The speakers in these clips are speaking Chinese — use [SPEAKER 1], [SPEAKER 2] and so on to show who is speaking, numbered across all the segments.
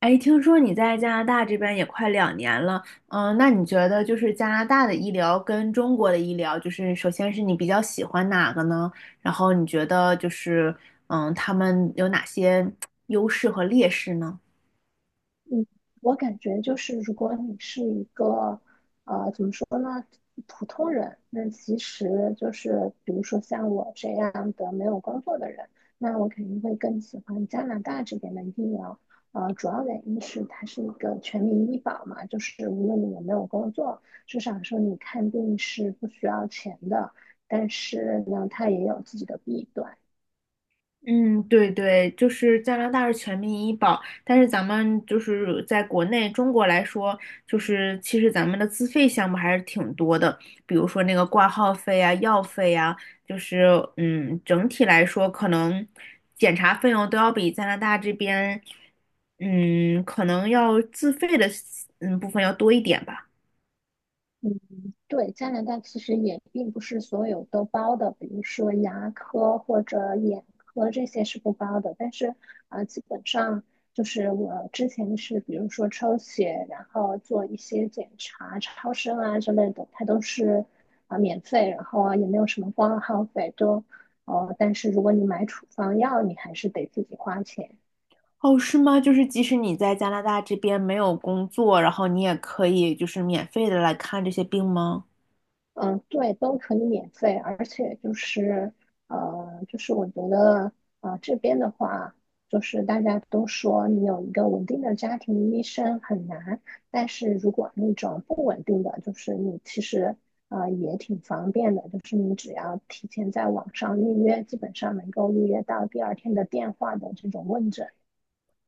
[SPEAKER 1] 哎，听说你在加拿大这边也快2年了，那你觉得就是加拿大的医疗跟中国的医疗，就是首先是你比较喜欢哪个呢？然后你觉得就是，他们有哪些 优势和劣势呢？
[SPEAKER 2] 嗯，我感觉就是，如果你是一个，怎么说呢，普通人，那其实就是，比如说像我这样的没有工作的人，那我肯定会更喜欢加拿大这边的医疗。主要原因是它是一个全民医保嘛，就是无论你有没有工作，至少说你看病是不需要钱的。但是呢，它也有自己的弊端。
[SPEAKER 1] 嗯，对对，就是加拿大是全民医保，但是咱们就是在国内中国来说，就是其实咱们的自费项目还是挺多的，比如说那个挂号费啊、药费啊，就是整体来说可能检查费用都要比加拿大这边，可能要自费的部分要多一点吧。
[SPEAKER 2] 对，加拿大其实也并不是所有都包的，比如说牙科或者眼科这些是不包的，但是基本上就是我之前是比如说抽血，然后做一些检查、超声啊之类的，它都是免费，然后啊也没有什么挂号费，都但是如果你买处方药，你还是得自己花钱。
[SPEAKER 1] 哦，是吗？就是即使你在加拿大这边没有工作，然后你也可以就是免费的来看这些病吗？
[SPEAKER 2] 嗯，对，都可以免费，而且就是，就是我觉得，这边的话，就是大家都说你有一个稳定的家庭医生很难，但是如果那种不稳定的，就是你其实，也挺方便的，就是你只要提前在网上预约，基本上能够预约到第二天的电话的这种问诊。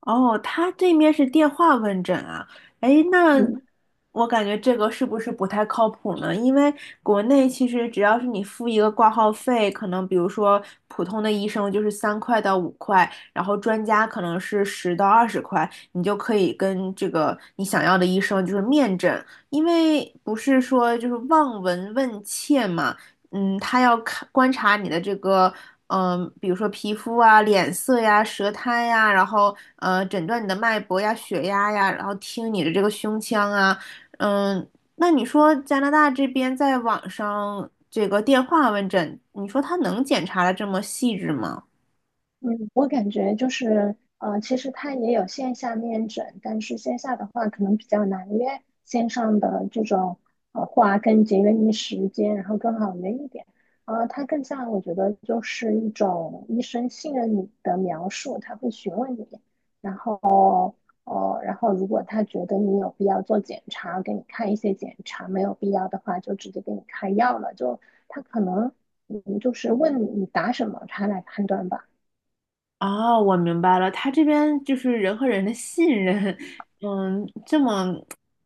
[SPEAKER 1] 哦，他这面是电话问诊啊。哎，那
[SPEAKER 2] 嗯。
[SPEAKER 1] 我感觉这个是不是不太靠谱呢？因为国内其实只要是你付一个挂号费，可能比如说普通的医生就是3块到5块，然后专家可能是10到20块，你就可以跟这个你想要的医生就是面诊，因为不是说就是望闻问切嘛，他要看观察你的这个。比如说皮肤啊、脸色呀、舌苔呀，然后诊断你的脉搏呀、血压呀，然后听你的这个胸腔啊，嗯，那你说加拿大这边在网上这个电话问诊，你说他能检查的这么细致吗？
[SPEAKER 2] 嗯，我感觉就是，其实它也有线下面诊，但是线下的话可能比较难约，线上的这种话更节约你时间，然后更好约一点。它更像我觉得就是一种医生信任你的描述，他会询问你，然后哦，然后如果他觉得你有必要做检查，给你看一些检查，没有必要的话就直接给你开药了，就他可能嗯就是问你答什么，他来判断吧。
[SPEAKER 1] 啊，我明白了，他这边就是人和人的信任，这么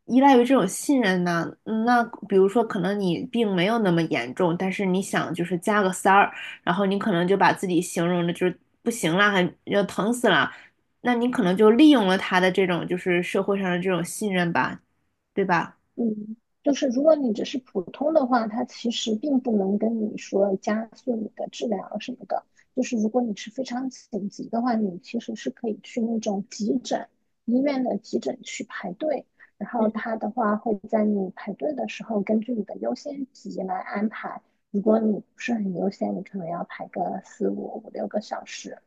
[SPEAKER 1] 依赖于这种信任呢？嗯那比如说，可能你病没有那么严重，但是你想就是加个塞儿，然后你可能就把自己形容的就是不行了，还要疼死了，那你可能就利用了他的这种就是社会上的这种信任吧，对吧？
[SPEAKER 2] 嗯，就是如果你只是普通的话，它其实并不能跟你说加速你的治疗什么的。就是如果你是非常紧急的话，你其实是可以去那种急诊医院的急诊去排队，然后他的话会在你排队的时候根据你的优先级来安排。如果你不是很优先，你可能要排个四五个小时。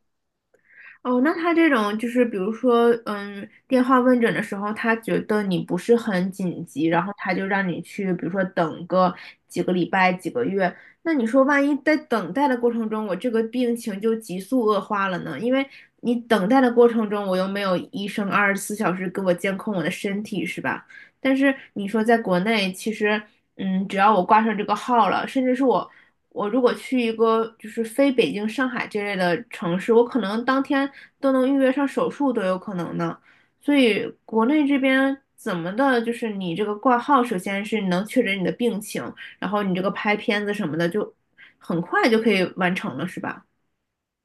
[SPEAKER 1] 哦，那他这种就是，比如说，电话问诊的时候，他觉得你不是很紧急，然后他就让你去，比如说等个几个礼拜、几个月。那你说，万一在等待的过程中，我这个病情就急速恶化了呢？因为你等待的过程中，我又没有医生24小时给我监控我的身体，是吧？但是你说在国内，其实只要我挂上这个号了，甚至是我如果去一个就是非北京、上海这类的城市，我可能当天都能预约上手术都有可能呢。所以国内这边怎么的，就是你这个挂号，首先是能确诊你的病情，然后你这个拍片子什么的就很快就可以完成了，是吧？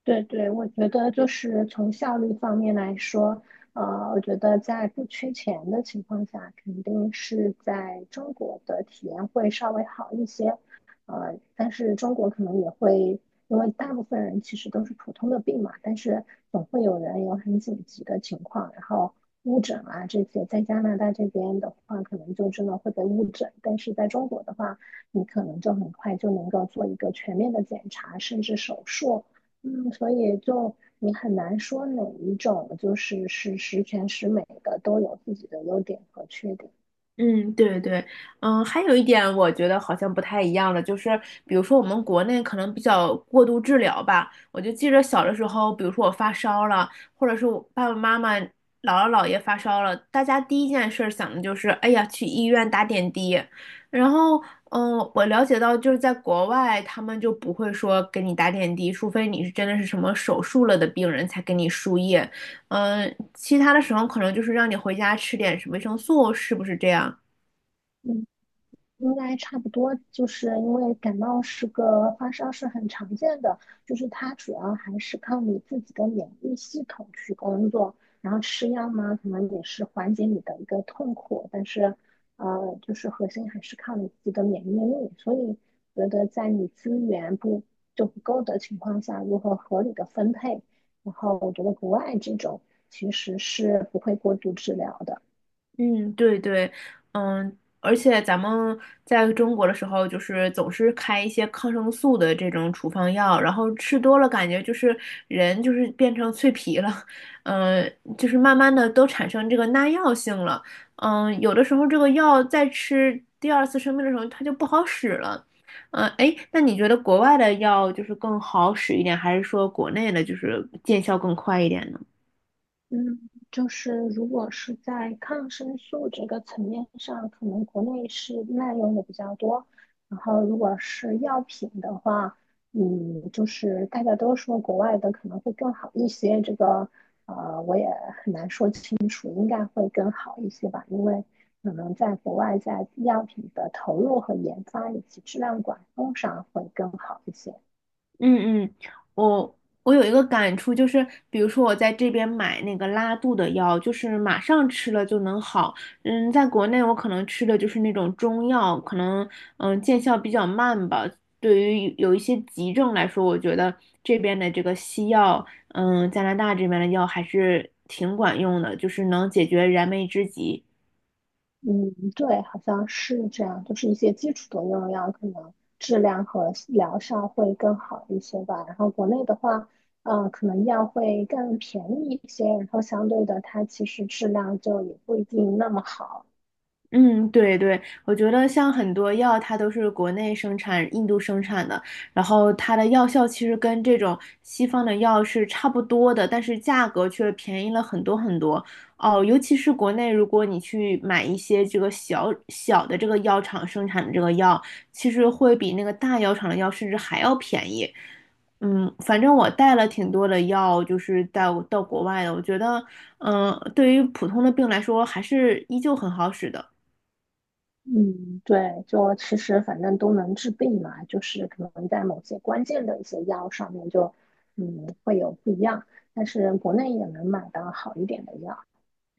[SPEAKER 2] 对对，我觉得就是从效率方面来说，我觉得在不缺钱的情况下，肯定是在中国的体验会稍微好一些，但是中国可能也会，因为大部分人其实都是普通的病嘛，但是总会有人有很紧急的情况，然后误诊啊这些，在加拿大这边的话，可能就真的会被误诊，但是在中国的话，你可能就很快就能够做一个全面的检查，甚至手术。嗯，所以就你很难说哪一种就是是十全十美的，都有自己的优点和缺点。
[SPEAKER 1] 嗯，对对，还有一点我觉得好像不太一样了，就是比如说我们国内可能比较过度治疗吧，我就记着小的时候，比如说我发烧了，或者是我爸爸妈妈、姥姥姥爷发烧了，大家第一件事儿想的就是，哎呀，去医院打点滴。然后，我了解到就是在国外，他们就不会说给你打点滴，除非你是真的是什么手术了的病人才给你输液，其他的时候可能就是让你回家吃点什么维生素，是不是这样？
[SPEAKER 2] 嗯应该差不多，就是因为感冒是个发烧是很常见的，就是它主要还是靠你自己的免疫系统去工作，然后吃药嘛，可能也是缓解你的一个痛苦，但是就是核心还是靠你自己的免疫力，所以觉得在你资源不不够的情况下，如何合理的分配，然后我觉得国外这种其实是不会过度治疗的。
[SPEAKER 1] 嗯，对对，嗯，而且咱们在中国的时候，就是总是开一些抗生素的这种处方药，然后吃多了，感觉就是人就是变成脆皮了，嗯，就是慢慢的都产生这个耐药性了，有的时候这个药再吃第二次生病的时候，它就不好使了，哎，那你觉得国外的药就是更好使一点，还是说国内的就是见效更快一点呢？
[SPEAKER 2] 嗯，就是如果是在抗生素这个层面上，可能国内是滥用的比较多。然后如果是药品的话，嗯，就是大家都说国外的可能会更好一些，这个我也很难说清楚，应该会更好一些吧，因为可能在国外在药品的投入和研发以及质量管控上会更好一些。
[SPEAKER 1] 嗯嗯，我我有一个感触，就是比如说我在这边买那个拉肚的药，就是马上吃了就能好。在国内我可能吃的就是那种中药，可能见效比较慢吧。对于有一些急症来说，我觉得这边的这个西药，加拿大这边的药还是挺管用的，就是能解决燃眉之急。
[SPEAKER 2] 嗯，对，好像是这样，就是一些基础的用药可能质量和疗效会更好一些吧。然后国内的话，可能药会更便宜一些，然后相对的它其实质量就也不一定那么好。
[SPEAKER 1] 嗯，对对，我觉得像很多药，它都是国内生产、印度生产的，然后它的药效其实跟这种西方的药是差不多的，但是价格却便宜了很多很多。哦，尤其是国内，如果你去买一些这个小小的这个药厂生产的这个药，其实会比那个大药厂的药甚至还要便宜。反正我带了挺多的药，就是到国外的，我觉得，对于普通的病来说，还是依旧很好使的。
[SPEAKER 2] 嗯，对，就其实反正都能治病嘛，就是可能在某些关键的一些药上面就，嗯，会有不一样，但是国内也能买到好一点的药。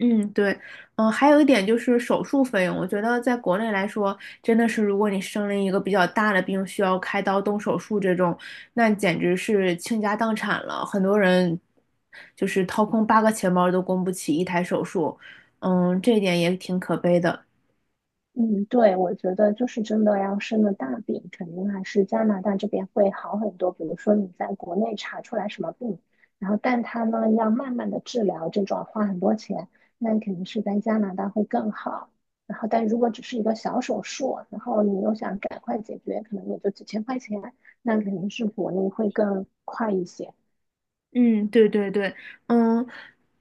[SPEAKER 1] 嗯，对，还有一点就是手术费用，我觉得在国内来说，真的是如果你生了一个比较大的病，需要开刀动手术这种，那简直是倾家荡产了。很多人就是掏空八个钱包都供不起一台手术，这一点也挺可悲的。
[SPEAKER 2] 嗯，对，我觉得就是真的要生了大病，肯定还是加拿大这边会好很多。比如说你在国内查出来什么病，然后但他呢要慢慢的治疗，这种花很多钱，那肯定是在加拿大会更好。然后但如果只是一个小手术，然后你又想赶快解决，可能也就几千块钱，那肯定是国内会更快一些。
[SPEAKER 1] 嗯，对对对，嗯，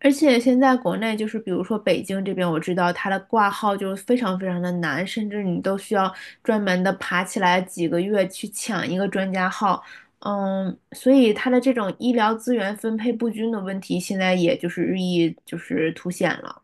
[SPEAKER 1] 而且现在国内就是，比如说北京这边，我知道它的挂号就是非常非常的难，甚至你都需要专门的爬起来几个月去抢一个专家号，所以它的这种医疗资源分配不均的问题，现在也就是日益就是凸显了。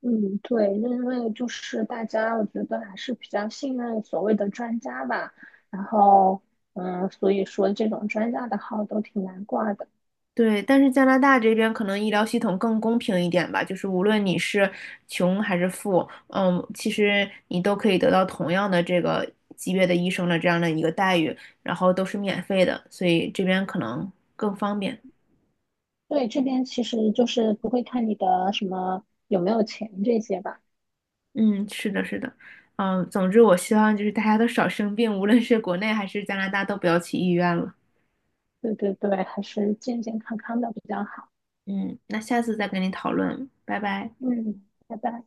[SPEAKER 2] 嗯，对，因为就是大家，我觉得还是比较信任所谓的专家吧。然后，嗯，所以说这种专家的号都挺难挂的。
[SPEAKER 1] 对，但是加拿大这边可能医疗系统更公平一点吧，就是无论你是穷还是富，其实你都可以得到同样的这个级别的医生的这样的一个待遇，然后都是免费的，所以这边可能更方便。
[SPEAKER 2] 对，这边其实就是不会看你的什么有没有钱这些吧。
[SPEAKER 1] 嗯，是的，是的，总之我希望就是大家都少生病，无论是国内还是加拿大都不要去医院了。
[SPEAKER 2] 对对对，还是健健康康的比较好。
[SPEAKER 1] 嗯，那下次再跟你讨论，拜拜。
[SPEAKER 2] 嗯，拜拜。